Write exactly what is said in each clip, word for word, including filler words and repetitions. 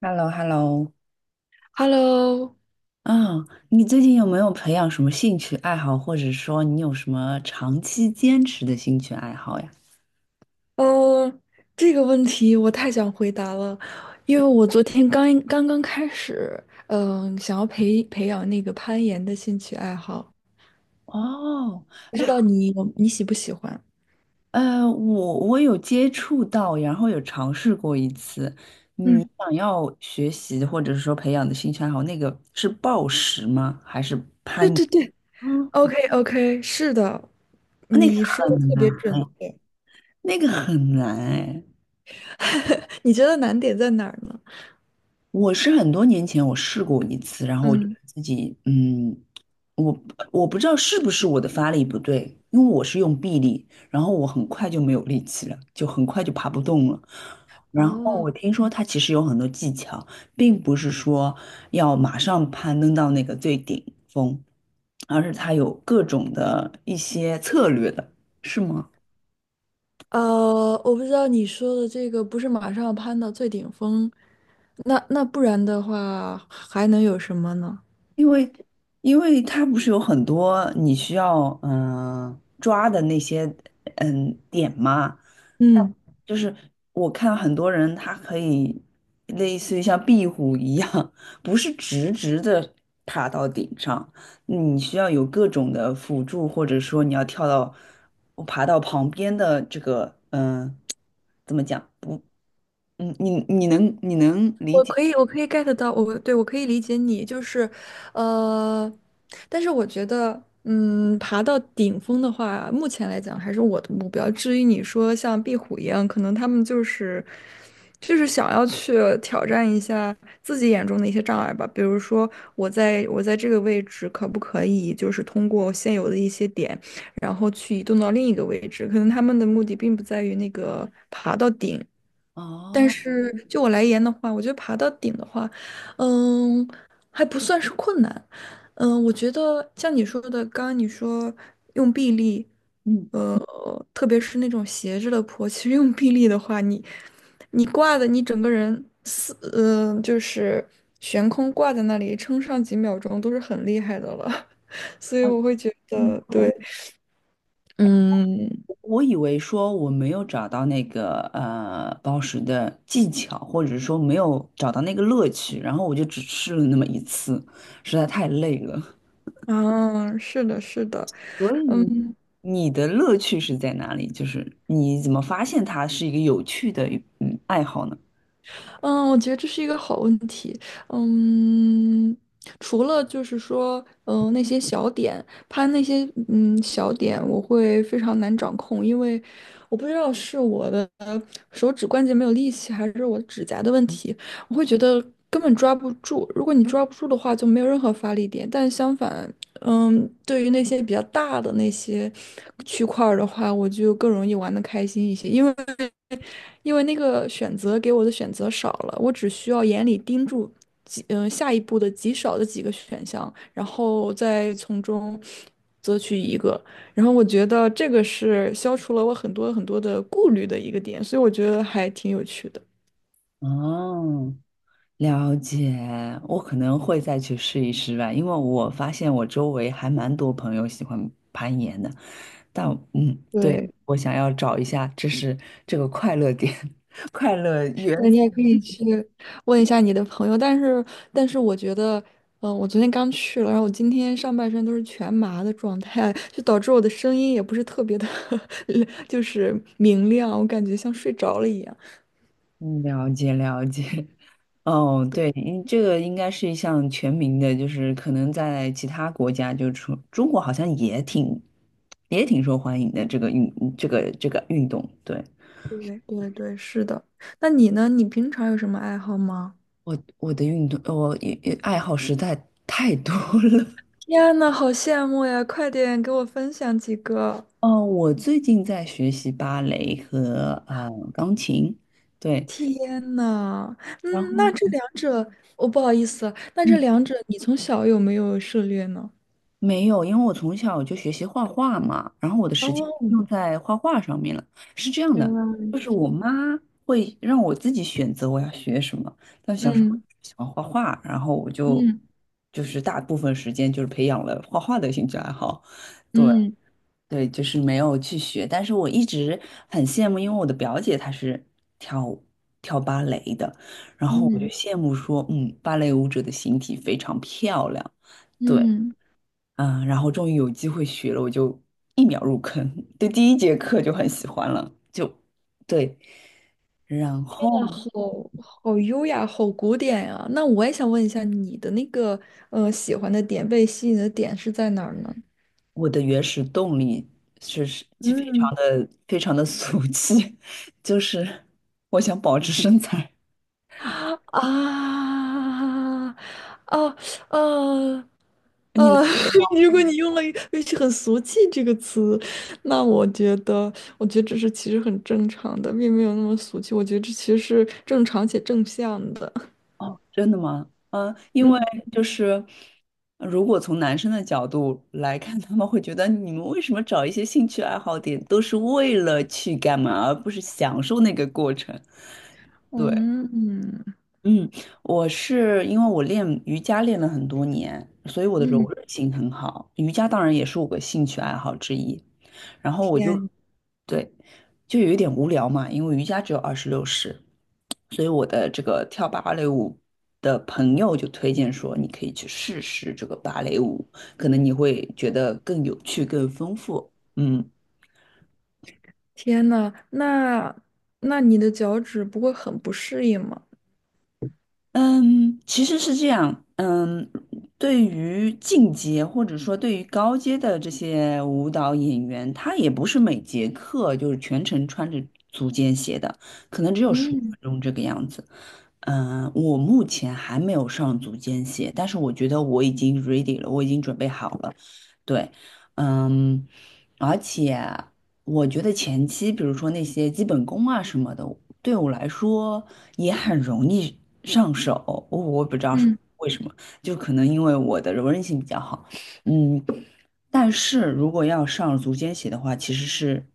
h e l l o h e l l o Hello，啊，你最近有没有培养什么兴趣爱好，或者说你有什么长期坚持的兴趣爱好呀？嗯，这个问题我太想回答了。因为我昨天刚刚刚开始，嗯，想要培培养那个攀岩的兴趣爱好，哦，不知道你有你喜不喜欢？呃，我我有接触到，然后有尝试过一次。你嗯，想要学习或者说培养的兴趣爱好，那个是暴食吗？还是？对对对嗯，，OK OK，是的，那个你说的很特难，别准确。那个很难哎。你觉得难点在哪儿呢？我是很多年前我试过一次，然后我觉得嗯。自己，嗯，我我不知道是不是我的发力不对，因为我是用臂力，然后我很快就没有力气了，就很快就爬不动了。然后哦。我听说它其实有很多技巧，并不是说要马上攀登到那个最顶峰，而是它有各种的一些策略的，是吗？呃，我不知道你说的这个不是马上攀到最顶峰，那那不然的话还能有什么呢？因为因为它不是有很多你需要嗯、呃抓的那些嗯点嘛，但嗯。就是我看很多人他可以类似于像壁虎一样，不是直直的爬到顶上，你需要有各种的辅助，或者说你要跳到爬到旁边的这个嗯、呃怎么讲不嗯你你能你能理我解可以，我可以 get 到，我对我可以理解你，就是，呃，但是我觉得，嗯，爬到顶峰的话，目前来讲还是我的目标。至于你说像壁虎一样，可能他们就是，就是想要去挑战一下自己眼中的一些障碍吧。比如说，我在我在这个位置可不可以，就是通过现有的一些点，然后去移动到另一个位置？可能他们的目的并不在于那个爬到顶。但哦是就我来言的话，我觉得爬到顶的话，嗯，还不算是困难。嗯，我觉得像你说的，刚刚你说用臂力，嗯。呃，特别是那种斜着的坡，其实用臂力的话，你你挂的，你整个人四，嗯、就是悬空挂在那里，撑上几秒钟都是很厉害的了。所以哦，我会觉得，对。嗯。我以为说我没有找到那个呃暴食的技巧，或者说没有找到那个乐趣，然后我就只试了那么一次，实在太累了。啊，是的，是的。所以你的乐趣是在哪里？就是你怎么发现它是一个有趣的嗯爱好呢？嗯，我觉得这是一个好问题。嗯，除了就是说，嗯，那些小点，它那些嗯小点，我会非常难掌控。因为我不知道是我的手指关节没有力气，还是我指甲的问题，我会觉得根本抓不住。如果你抓不住的话，就没有任何发力点。但相反，嗯，对于那些比较大的那些区块儿的话，我就更容易玩的开心一些，因为。因为那个选择给我的选择少了，我只需要眼里盯住几嗯、呃下一步的极少的几个选项，然后再从中择取一个。然后我觉得这个是消除了我很多很多的顾虑的一个点，所以我觉得还挺有趣的。哦，了解，我可能会再去试一试吧，因为我发现我周围还蛮多朋友喜欢攀岩的。但嗯，对，对。我想要找一下，这是这个快乐点，快乐源。那你也可以去问一下你的朋友，但是，但是我觉得，嗯、我昨天刚去了，然后我今天上半身都是全麻的状态，就导致我的声音也不是特别的 就是明亮，我感觉像睡着了一样。嗯，了解了解。哦，对，嗯这个应该是一项全民的，就是可能在其他国家，就除中国好像也挺也挺受欢迎的这个运这个这个运动。对，对对对，是的。那你呢？你平常有什么爱好吗？我我的运动，我也也爱好实在太多了。天呐，好羡慕呀！快点给我分享几个。哦，我最近在学习芭蕾和呃钢琴，对，天呐，然嗯，那后。这两者，我、不好意思啊，那这嗯。两者你从小有没有涉猎呢？没有，因为我从小就学习画画嘛，然后我的时间哦，用在画画上面了。是这样原的，来如就是我此。妈会让我自己选择我要学什么，但小时候嗯，喜欢画画，然后我就嗯，就是大部分时间就是培养了画画的兴趣爱好。对嗯，对，就是没有去学，但是我一直很羡慕，因为我的表姐她是跳跳芭蕾的，然后我就嗯，羡慕说，嗯，芭蕾舞者的形体非常漂亮。对。嗯。嗯，然后终于有机会学了，我就一秒入坑，对第一节课就很喜欢了，就对。然后那好好优雅，好古典呀、那我也想问一下，你的那个呃喜欢的点，被吸引的点是在哪儿呢？我的原始动力是是非常嗯。的非常的俗气，就是我想保持身材。啊，啊，啊，啊！如果你用了一句很俗气这个词，那我觉得，我觉得这是其实很正常的，并没有那么俗气。我觉得这其实是正常且正向的。哦，真的吗？嗯，因为嗯，就是如果从男生的角度来看，他们会觉得你们为什么找一些兴趣爱好点都是为了去干嘛，而不是享受那个过程？对。嗯，嗯，我是因为我练瑜伽练了很多年，所以我的嗯。柔韧性很好。瑜伽当然也是我的兴趣爱好之一。然后我就，天，对，就有一点无聊嘛，因为瑜伽只有二十六式，所以我的这个跳芭蕾舞的朋友就推荐说，你可以去试试这个芭蕾舞，可能你会觉得更有趣、更丰富。嗯，天呐，那那你的脚趾不会很不适应吗？嗯，其实是这样。嗯，对于进阶或者说对于高阶的这些舞蹈演员，他也不是每节课就是全程穿着足尖鞋的，可能只有十五嗯。分钟这个样子。嗯，我目前还没有上足尖鞋，但是我觉得我已经 ready 了，我已经准备好了。对，嗯，而且我觉得前期，比如说那些基本功啊什么的。对我来说也很容易上手，我我不知道什么嗯，为什么，就可能因为我的柔韧性比较好，嗯，但是如果要上足尖鞋的话，其实是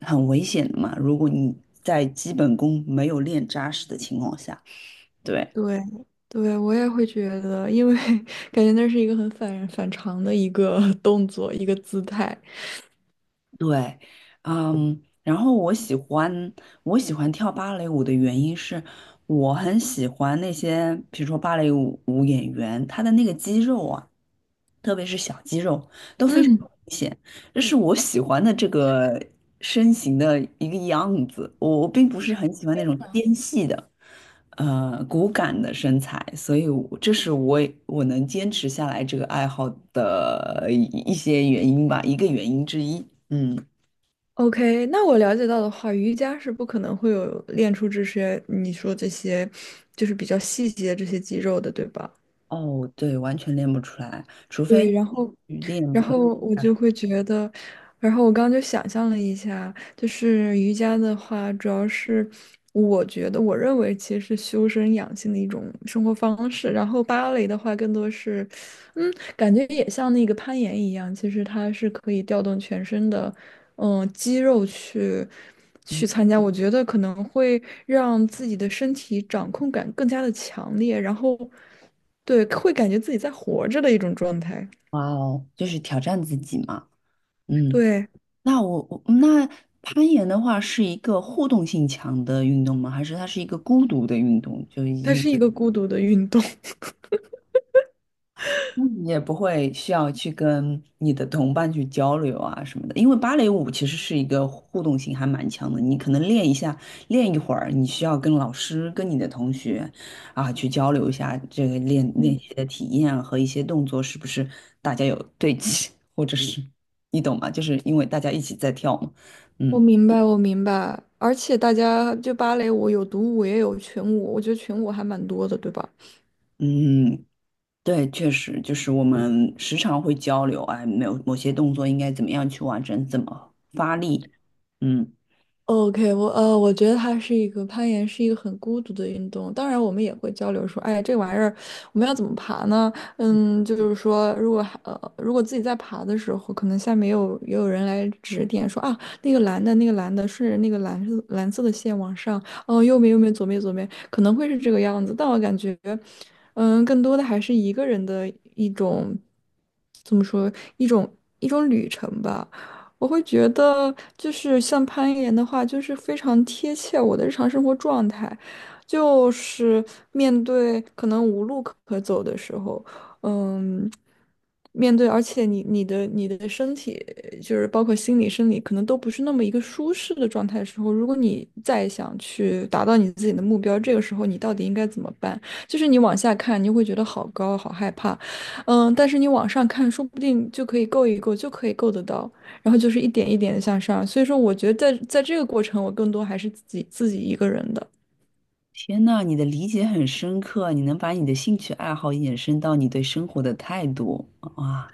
很危险的嘛，如果你在基本功没有练扎实的情况下，对，对，对，我也会觉得。因为 感觉那是一个很反反常的一个 动作，一个姿态。对，嗯，然后我喜欢我喜欢跳芭蕾舞的原因是，我很喜欢那些比如说芭蕾舞舞演员，他的那个肌肉啊，特别是小肌肉都非常嗯。明显。这是我喜欢的这个身形的一个样子。我我并不是很喜欢那种纤细的，呃，骨感的身材，所以我这是我我能坚持下来这个爱好的一一些原因吧，一个原因之一。嗯，OK，那我了解到的话，瑜伽是不可能会有练出这些你说这些，就是比较细节这些肌肉的，对吧？哦，对，完全练不出来，除非去练然普拉提后我啊什就么会觉得，然后我刚刚就想象了一下，就是瑜伽的话，主要是我觉得，我认为其实是修身养性的一种生活方式。然后芭蕾的话，更多是，嗯，感觉也像那个攀岩一样，其实它是可以调动全身的，嗯，肌肉去去参加。我觉得可能会让自己的身体掌控感更加的强烈，然后对，会感觉自己在活着的一种状态。哇哦，就是挑战自己嘛。嗯。对。那我我那攀岩的话是一个互动性强的运动吗？还是它是一个孤独的运动？就已它经是一个孤独的运动。嗯你也不会需要去跟你的同伴去交流啊什么的。因为芭蕾舞其实是一个互动性还蛮强的，你可能练一下，练一会儿，你需要跟老师、跟你的同学啊去交流一下这个练练习的体验啊和一些动作是不是大家有对齐，或者是你懂吗？就是因为大家一起在跳嘛，我嗯。明白，我明白。而且大家就芭蕾舞有独舞也有群舞，我觉得群舞还蛮多的，对吧？嗯，对，确实就是我们时常会交流，哎，没有某些动作应该怎么样去完成，怎么发力。嗯，OK，我呃，我觉得它是一个攀岩，是一个很孤独的运动。当然，我们也会交流说，哎，这玩意儿我们要怎么爬呢？嗯，就是说，如果还呃，如果自己在爬的时候，可能下面也有也有人来指点说啊，那个蓝的，那个蓝的，顺着那个蓝色蓝色的线往上，哦，右面右面，左面左面，可能会是这个样子。但我感觉，嗯，更多的还是一个人的一种，怎么说，一种一种旅程吧。我会觉得，就是像攀岩的话，就是非常贴切我的日常生活状态，就是面对可能无路可可走的时候，嗯，面对，而且你你的你的身体，就是包括心理、生理，可能都不是那么一个舒适的状态的时候，如果你再想去达到你自己的目标，这个时候你到底应该怎么办？就是你往下看，你就会觉得好高，好害怕，嗯，但是你往上看，说不定就可以够一够，就可以够得到。然后就是一点一点的向上。所以说，我觉得在在这个过程，我更多还是自己自己一个人的。天呐，你的理解很深刻，你能把你的兴趣爱好延伸到你对生活的态度，啊哇，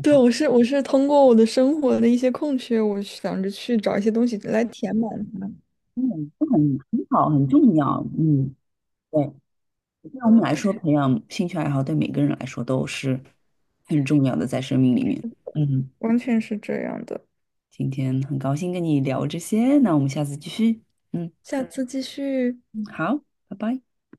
对，我是我是通过我的生活的一些空缺，我想着去找一些东西来填满它。嗯，这很很好，很重要。嗯，对，对我们来说，培养兴趣爱好对每个人来说都是很重要的，在生命里面。嗯，完全是这样的。今天很高兴跟你聊这些，那我们下次继续。嗯，下次继续。好，拜拜。